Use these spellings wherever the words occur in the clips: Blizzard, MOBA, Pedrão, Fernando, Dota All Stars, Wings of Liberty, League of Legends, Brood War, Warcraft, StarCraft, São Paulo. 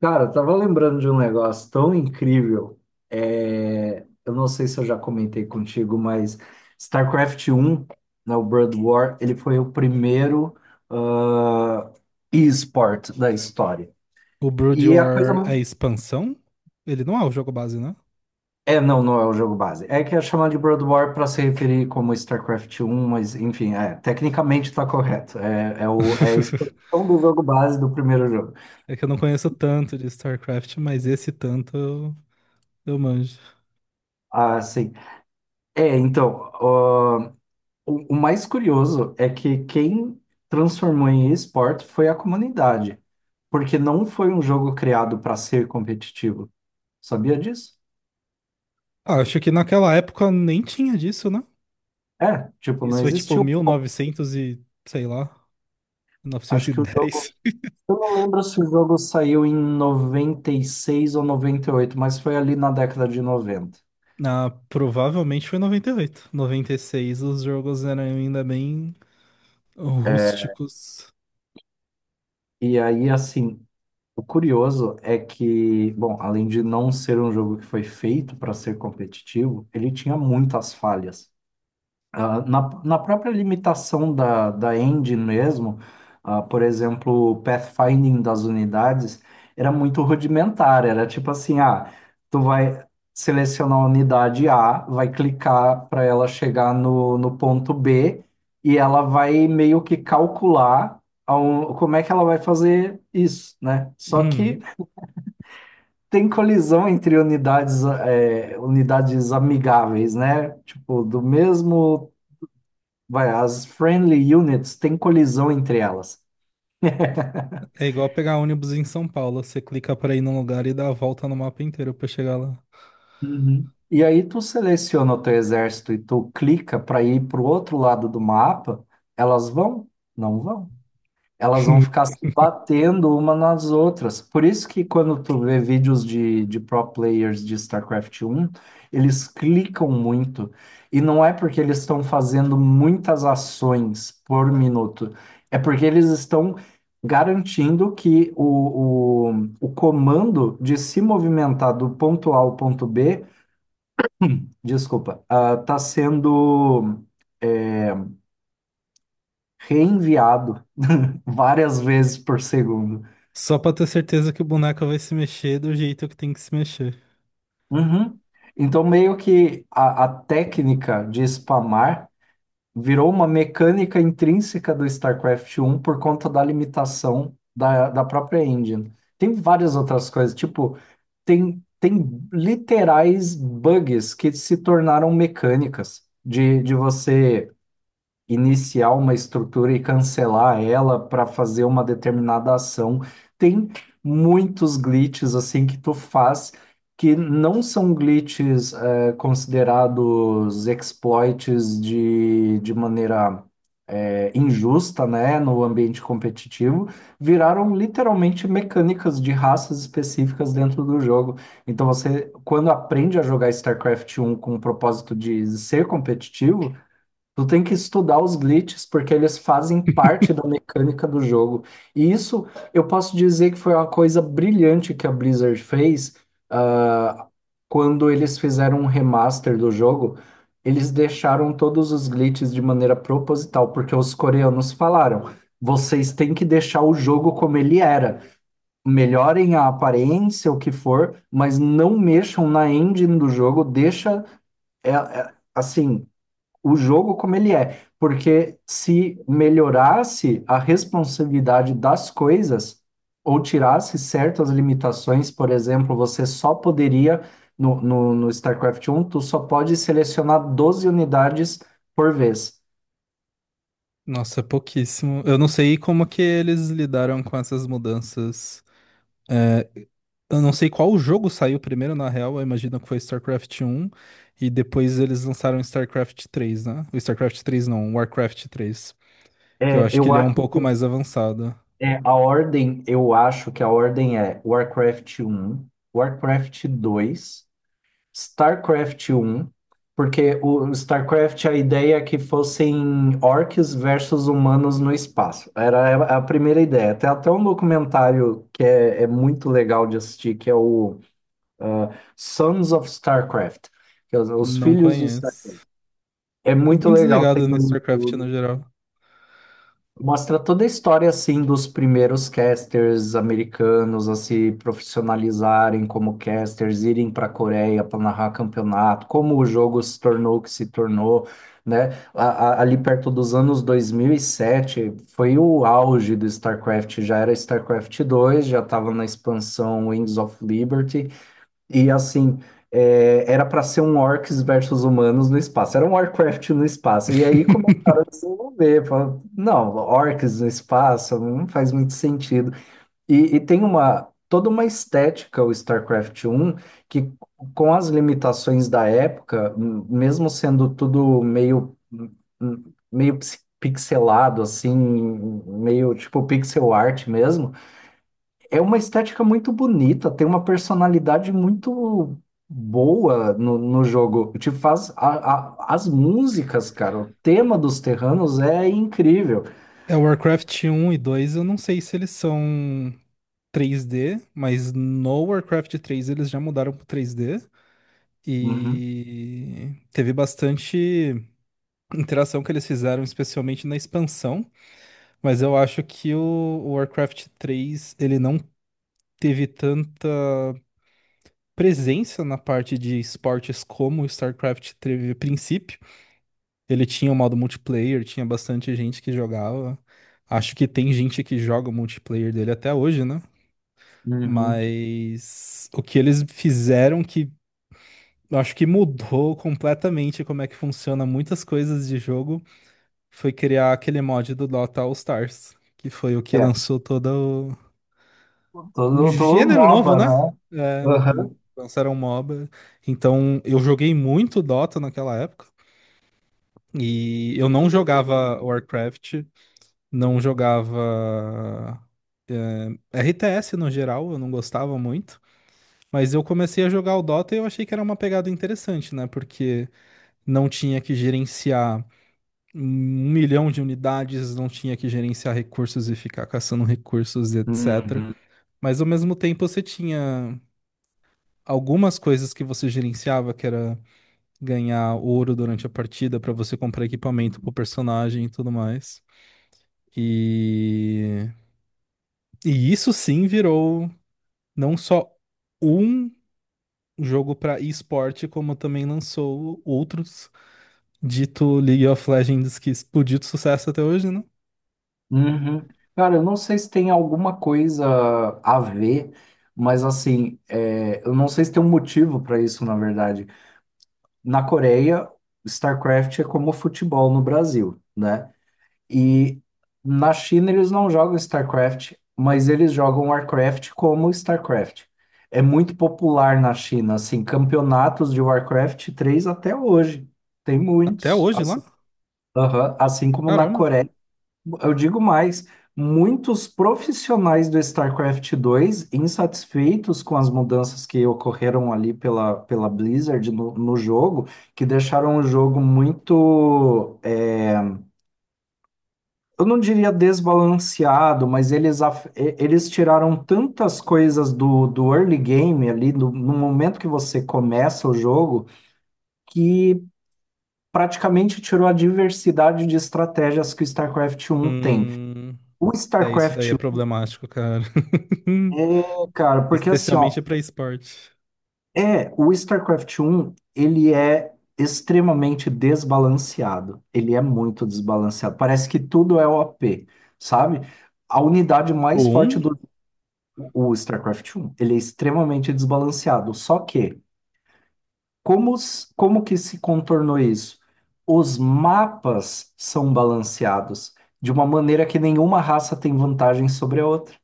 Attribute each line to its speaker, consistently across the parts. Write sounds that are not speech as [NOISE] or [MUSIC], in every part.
Speaker 1: Cara, eu tava lembrando de um negócio tão incrível. É, eu não sei se eu já comentei contigo, mas StarCraft um, né, o Brood War, ele foi o primeiro ah, e-sport da história.
Speaker 2: O Brood
Speaker 1: E é a coisa.
Speaker 2: War é expansão? Ele não é o jogo base, né?
Speaker 1: É, não, não é o jogo base. É que é chamado de Brood War para se referir como StarCraft um, mas enfim, é, tecnicamente está correto. É a expansão
Speaker 2: [LAUGHS]
Speaker 1: do jogo base do primeiro jogo.
Speaker 2: É que eu não conheço tanto de StarCraft, mas esse tanto eu manjo.
Speaker 1: Ah, sim. É, então. O mais curioso é que quem transformou em esporte foi a comunidade, porque não foi um jogo criado para ser competitivo. Sabia disso?
Speaker 2: Ah, acho que naquela época nem tinha disso, né?
Speaker 1: É, tipo,
Speaker 2: Isso
Speaker 1: não
Speaker 2: foi tipo
Speaker 1: existiu um como ser.
Speaker 2: 1900 e, novecentos e, sei lá, novecentos
Speaker 1: Acho
Speaker 2: e
Speaker 1: que o jogo.
Speaker 2: dez. [LAUGHS]
Speaker 1: Eu não lembro se o jogo saiu em 96 ou 98, mas foi ali na década de 90.
Speaker 2: Ah, provavelmente foi noventa e oito, noventa e seis. Os jogos eram ainda bem rústicos.
Speaker 1: E aí, assim, o curioso é que, bom, além de não ser um jogo que foi feito para ser competitivo, ele tinha muitas falhas. Na própria limitação da engine mesmo, por exemplo, o pathfinding das unidades era muito rudimentar, era tipo assim, tu vai selecionar a unidade A, vai clicar para ela chegar no ponto B e ela vai meio que calcular como é que ela vai fazer isso, né? Só
Speaker 2: Hum,
Speaker 1: que tem colisão entre unidades, unidades amigáveis, né? Tipo, do mesmo vai, as friendly units têm colisão entre elas.
Speaker 2: é igual pegar ônibus em São Paulo. Você clica pra ir num lugar e dá a volta no mapa inteiro pra chegar lá.
Speaker 1: Uhum. E aí tu seleciona o teu exército e tu clica para ir para o outro lado do mapa, elas vão? Não vão. Elas vão
Speaker 2: [LAUGHS]
Speaker 1: ficar se batendo uma nas outras. Por isso que quando tu vê vídeos de pro players de StarCraft um, eles clicam muito. E não é porque eles estão fazendo muitas ações por minuto, é porque eles estão garantindo que o comando de se movimentar do ponto A ao ponto B, desculpa, está sendo é, reenviado várias vezes por segundo.
Speaker 2: Só pra ter certeza que o boneco vai se mexer do jeito que tem que se mexer.
Speaker 1: Uhum. Então, meio que a técnica de spamar virou uma mecânica intrínseca do StarCraft um por conta da limitação da própria engine. Tem várias outras coisas, tipo, tem literais bugs que se tornaram mecânicas de você iniciar uma estrutura e cancelar ela para fazer uma determinada ação. Tem muitos glitches assim que tu faz que não são glitches considerados exploits de maneira injusta, né, no ambiente competitivo, viraram literalmente mecânicas de raças específicas dentro do jogo. Então você, quando aprende a jogar StarCraft um com o propósito de ser competitivo, tu tem que estudar os glitches, porque eles fazem parte da
Speaker 2: [LAUGHS]
Speaker 1: mecânica do jogo. E isso eu posso dizer que foi uma coisa brilhante que a Blizzard fez, ah, quando eles fizeram um remaster do jogo. Eles deixaram todos os glitches de maneira proposital, porque os coreanos falaram: vocês têm que deixar o jogo como ele era. Melhorem a aparência, o que for, mas não mexam na engine do jogo, deixa. Assim, o jogo como ele é, porque se melhorasse a responsabilidade das coisas ou tirasse certas limitações, por exemplo, você só poderia no StarCraft um tu só pode selecionar 12 unidades por vez.
Speaker 2: Nossa, é pouquíssimo. Eu não sei como que eles lidaram com essas mudanças. É, eu não sei qual jogo saiu primeiro, na real. Eu imagino que foi StarCraft um. E depois eles lançaram StarCraft três, né? O StarCraft três não, o Warcraft três. Que eu
Speaker 1: É,
Speaker 2: acho que ele é um pouco mais avançado.
Speaker 1: eu acho que a ordem é Warcraft um Warcraft dois StarCraft um, porque o StarCraft, a ideia é que fossem orcs versus humanos no espaço. Era a primeira ideia. Tem até um documentário que é muito legal de assistir, que é o ah, Sons of StarCraft, que é os
Speaker 2: Não
Speaker 1: filhos de
Speaker 2: conheço.
Speaker 1: StarCraft. É
Speaker 2: Tô
Speaker 1: muito
Speaker 2: bem
Speaker 1: legal, tem
Speaker 2: desligado no
Speaker 1: no
Speaker 2: StarCraft
Speaker 1: YouTube.
Speaker 2: no geral.
Speaker 1: Mostra toda a história assim dos primeiros casters americanos a se profissionalizarem como casters, irem para a Coreia para narrar campeonato, como o jogo se tornou o que se tornou, né? Ali perto dos anos 2007 foi o auge do StarCraft, já era StarCraft dois já estava na expansão Wings of Liberty, e assim, era para ser um orcs versus humanos no espaço. Era um Warcraft no espaço. E aí
Speaker 2: [LAUGHS]
Speaker 1: começaram a desenvolver. Falaram, não, orcs no espaço não faz muito sentido. E tem uma toda uma estética o StarCraft um que com as limitações da época, mesmo sendo tudo meio pixelado assim, meio tipo pixel art mesmo, é uma estética muito bonita, tem uma personalidade muito boa no jogo. Te faz as músicas, cara. O tema dos Terranos é incrível.
Speaker 2: É, o Warcraft um e dois, eu não sei se eles são 3D, mas no Warcraft três eles já mudaram pro 3D.
Speaker 1: Uhum,
Speaker 2: E teve bastante interação que eles fizeram, especialmente na expansão. Mas eu acho que o Warcraft três ele não teve tanta presença na parte de esportes como o StarCraft teve a princípio. Ele tinha o modo multiplayer, tinha bastante gente que jogava. Acho que tem gente que joga o multiplayer dele até hoje, né?
Speaker 1: uhum.
Speaker 2: Mas o que eles fizeram que eu acho que mudou completamente como é que funciona muitas coisas de jogo foi criar aquele mod do Dota All Stars, que foi o que
Speaker 1: É,
Speaker 2: lançou todo o- um
Speaker 1: todo
Speaker 2: gênero novo,
Speaker 1: MOBA,
Speaker 2: né?
Speaker 1: né?
Speaker 2: É,
Speaker 1: Aham.
Speaker 2: lançaram um MOBA. Então, eu joguei muito Dota naquela época. E eu não jogava Warcraft, não jogava RTS no geral, eu não gostava muito. Mas eu comecei a jogar o Dota e eu achei que era uma pegada interessante, né? Porque não tinha que gerenciar um milhão de unidades, não tinha que gerenciar recursos e ficar caçando recursos, etc.
Speaker 1: Uhum.
Speaker 2: Mas ao mesmo tempo você tinha algumas coisas que você gerenciava, que era ganhar ouro durante a partida para você comprar equipamento pro personagem e tudo mais. E e isso sim virou não só um jogo para esporte, como também lançou outros, dito League of Legends, que explodiu de sucesso até hoje, né?
Speaker 1: Uhum. Cara, eu não sei se tem alguma coisa a ver, mas assim, eu não sei se tem um motivo para isso, na verdade. Na Coreia, StarCraft é como futebol no Brasil, né? E na China eles não jogam StarCraft, mas eles jogam Warcraft como StarCraft. É muito popular na China, assim, campeonatos de Warcraft 3 até hoje. Tem
Speaker 2: Até
Speaker 1: muitos.
Speaker 2: hoje
Speaker 1: Assim,
Speaker 2: lá?
Speaker 1: aham, assim como na
Speaker 2: Caramba.
Speaker 1: Coreia. Eu digo mais, muitos profissionais do StarCraft dois insatisfeitos com as mudanças que ocorreram ali pela Blizzard no jogo, que deixaram o jogo muito eu não diria desbalanceado, mas eles tiraram tantas coisas do early game ali, no momento que você começa o jogo, que praticamente tirou a diversidade de estratégias que o StarCraft 1 tem.
Speaker 2: Hum,
Speaker 1: O
Speaker 2: é isso daí
Speaker 1: StarCraft
Speaker 2: é
Speaker 1: 1
Speaker 2: problemático, cara. [LAUGHS]
Speaker 1: é, cara, porque assim, ó,
Speaker 2: Especialmente pra esporte.
Speaker 1: é, o StarCraft 1, ele é extremamente desbalanceado. Ele é muito desbalanceado. Parece que tudo é OP, sabe? A unidade mais forte
Speaker 2: Um?
Speaker 1: do O o StarCraft um, ele é extremamente desbalanceado. Só que, como, como que se contornou isso? Os mapas são balanceados de uma maneira que nenhuma raça tem vantagem sobre a outra.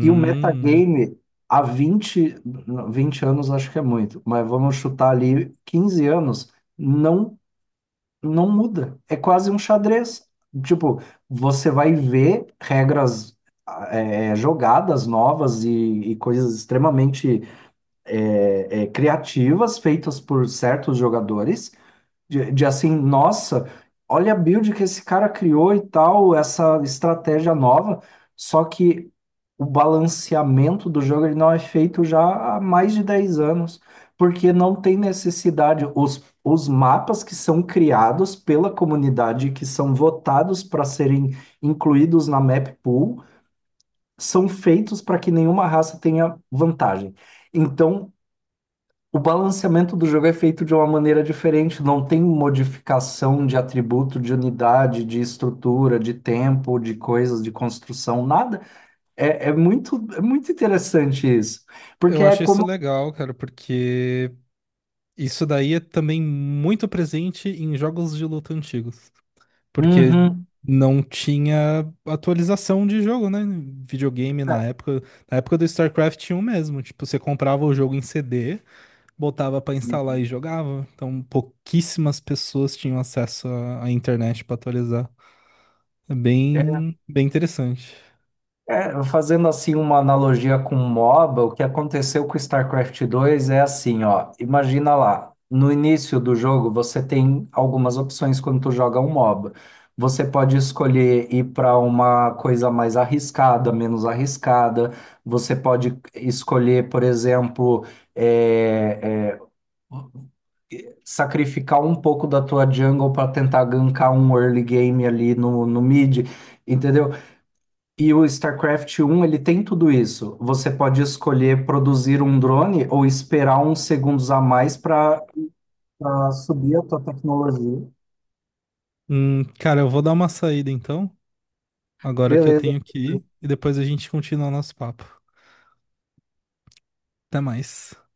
Speaker 1: E o metagame, há 20, não, 20 anos acho que é muito, mas vamos chutar ali 15 anos, não, não muda. É quase um xadrez. Tipo, você vai ver regras, jogadas novas e coisas extremamente criativas feitas por certos jogadores, de assim, nossa, olha a build que esse cara criou e tal, essa estratégia nova, só que o balanceamento do jogo ele não é feito já há mais de 10 anos, porque não tem necessidade. Os mapas que são criados pela comunidade, que são votados para serem incluídos na map pool, são feitos para que nenhuma raça tenha vantagem. Então, o balanceamento do jogo é feito de uma maneira diferente, não tem modificação de atributo, de unidade, de estrutura, de tempo, de coisas, de construção, nada. É, é muito interessante isso, porque
Speaker 2: eu
Speaker 1: é
Speaker 2: acho isso
Speaker 1: como.
Speaker 2: legal, cara, porque isso daí é também muito presente em jogos de luta antigos. Porque
Speaker 1: Uhum.
Speaker 2: não tinha atualização de jogo, né? Videogame na época do StarCraft 1 mesmo, tipo, você comprava o jogo em CD, botava pra instalar e jogava. Então, pouquíssimas pessoas tinham acesso à internet pra atualizar. É bem, bem interessante.
Speaker 1: É, fazendo assim uma analogia com MOBA, o que aconteceu com o StarCraft 2 é assim, ó, imagina lá, no início do jogo você tem algumas opções quando tu joga um MOBA. Você pode escolher ir para uma coisa mais arriscada, menos arriscada. Você pode escolher, por exemplo, é, é, sacrificar um pouco da tua jungle para tentar gankar um early game ali no mid. Entendeu? E o StarCraft 1, ele tem tudo isso. Você pode escolher produzir um drone ou esperar uns segundos a mais para subir a tua tecnologia.
Speaker 2: Cara, eu vou dar uma saída então, agora que eu tenho
Speaker 1: Beleza.
Speaker 2: que ir, e depois a gente continua o nosso papo. Até mais.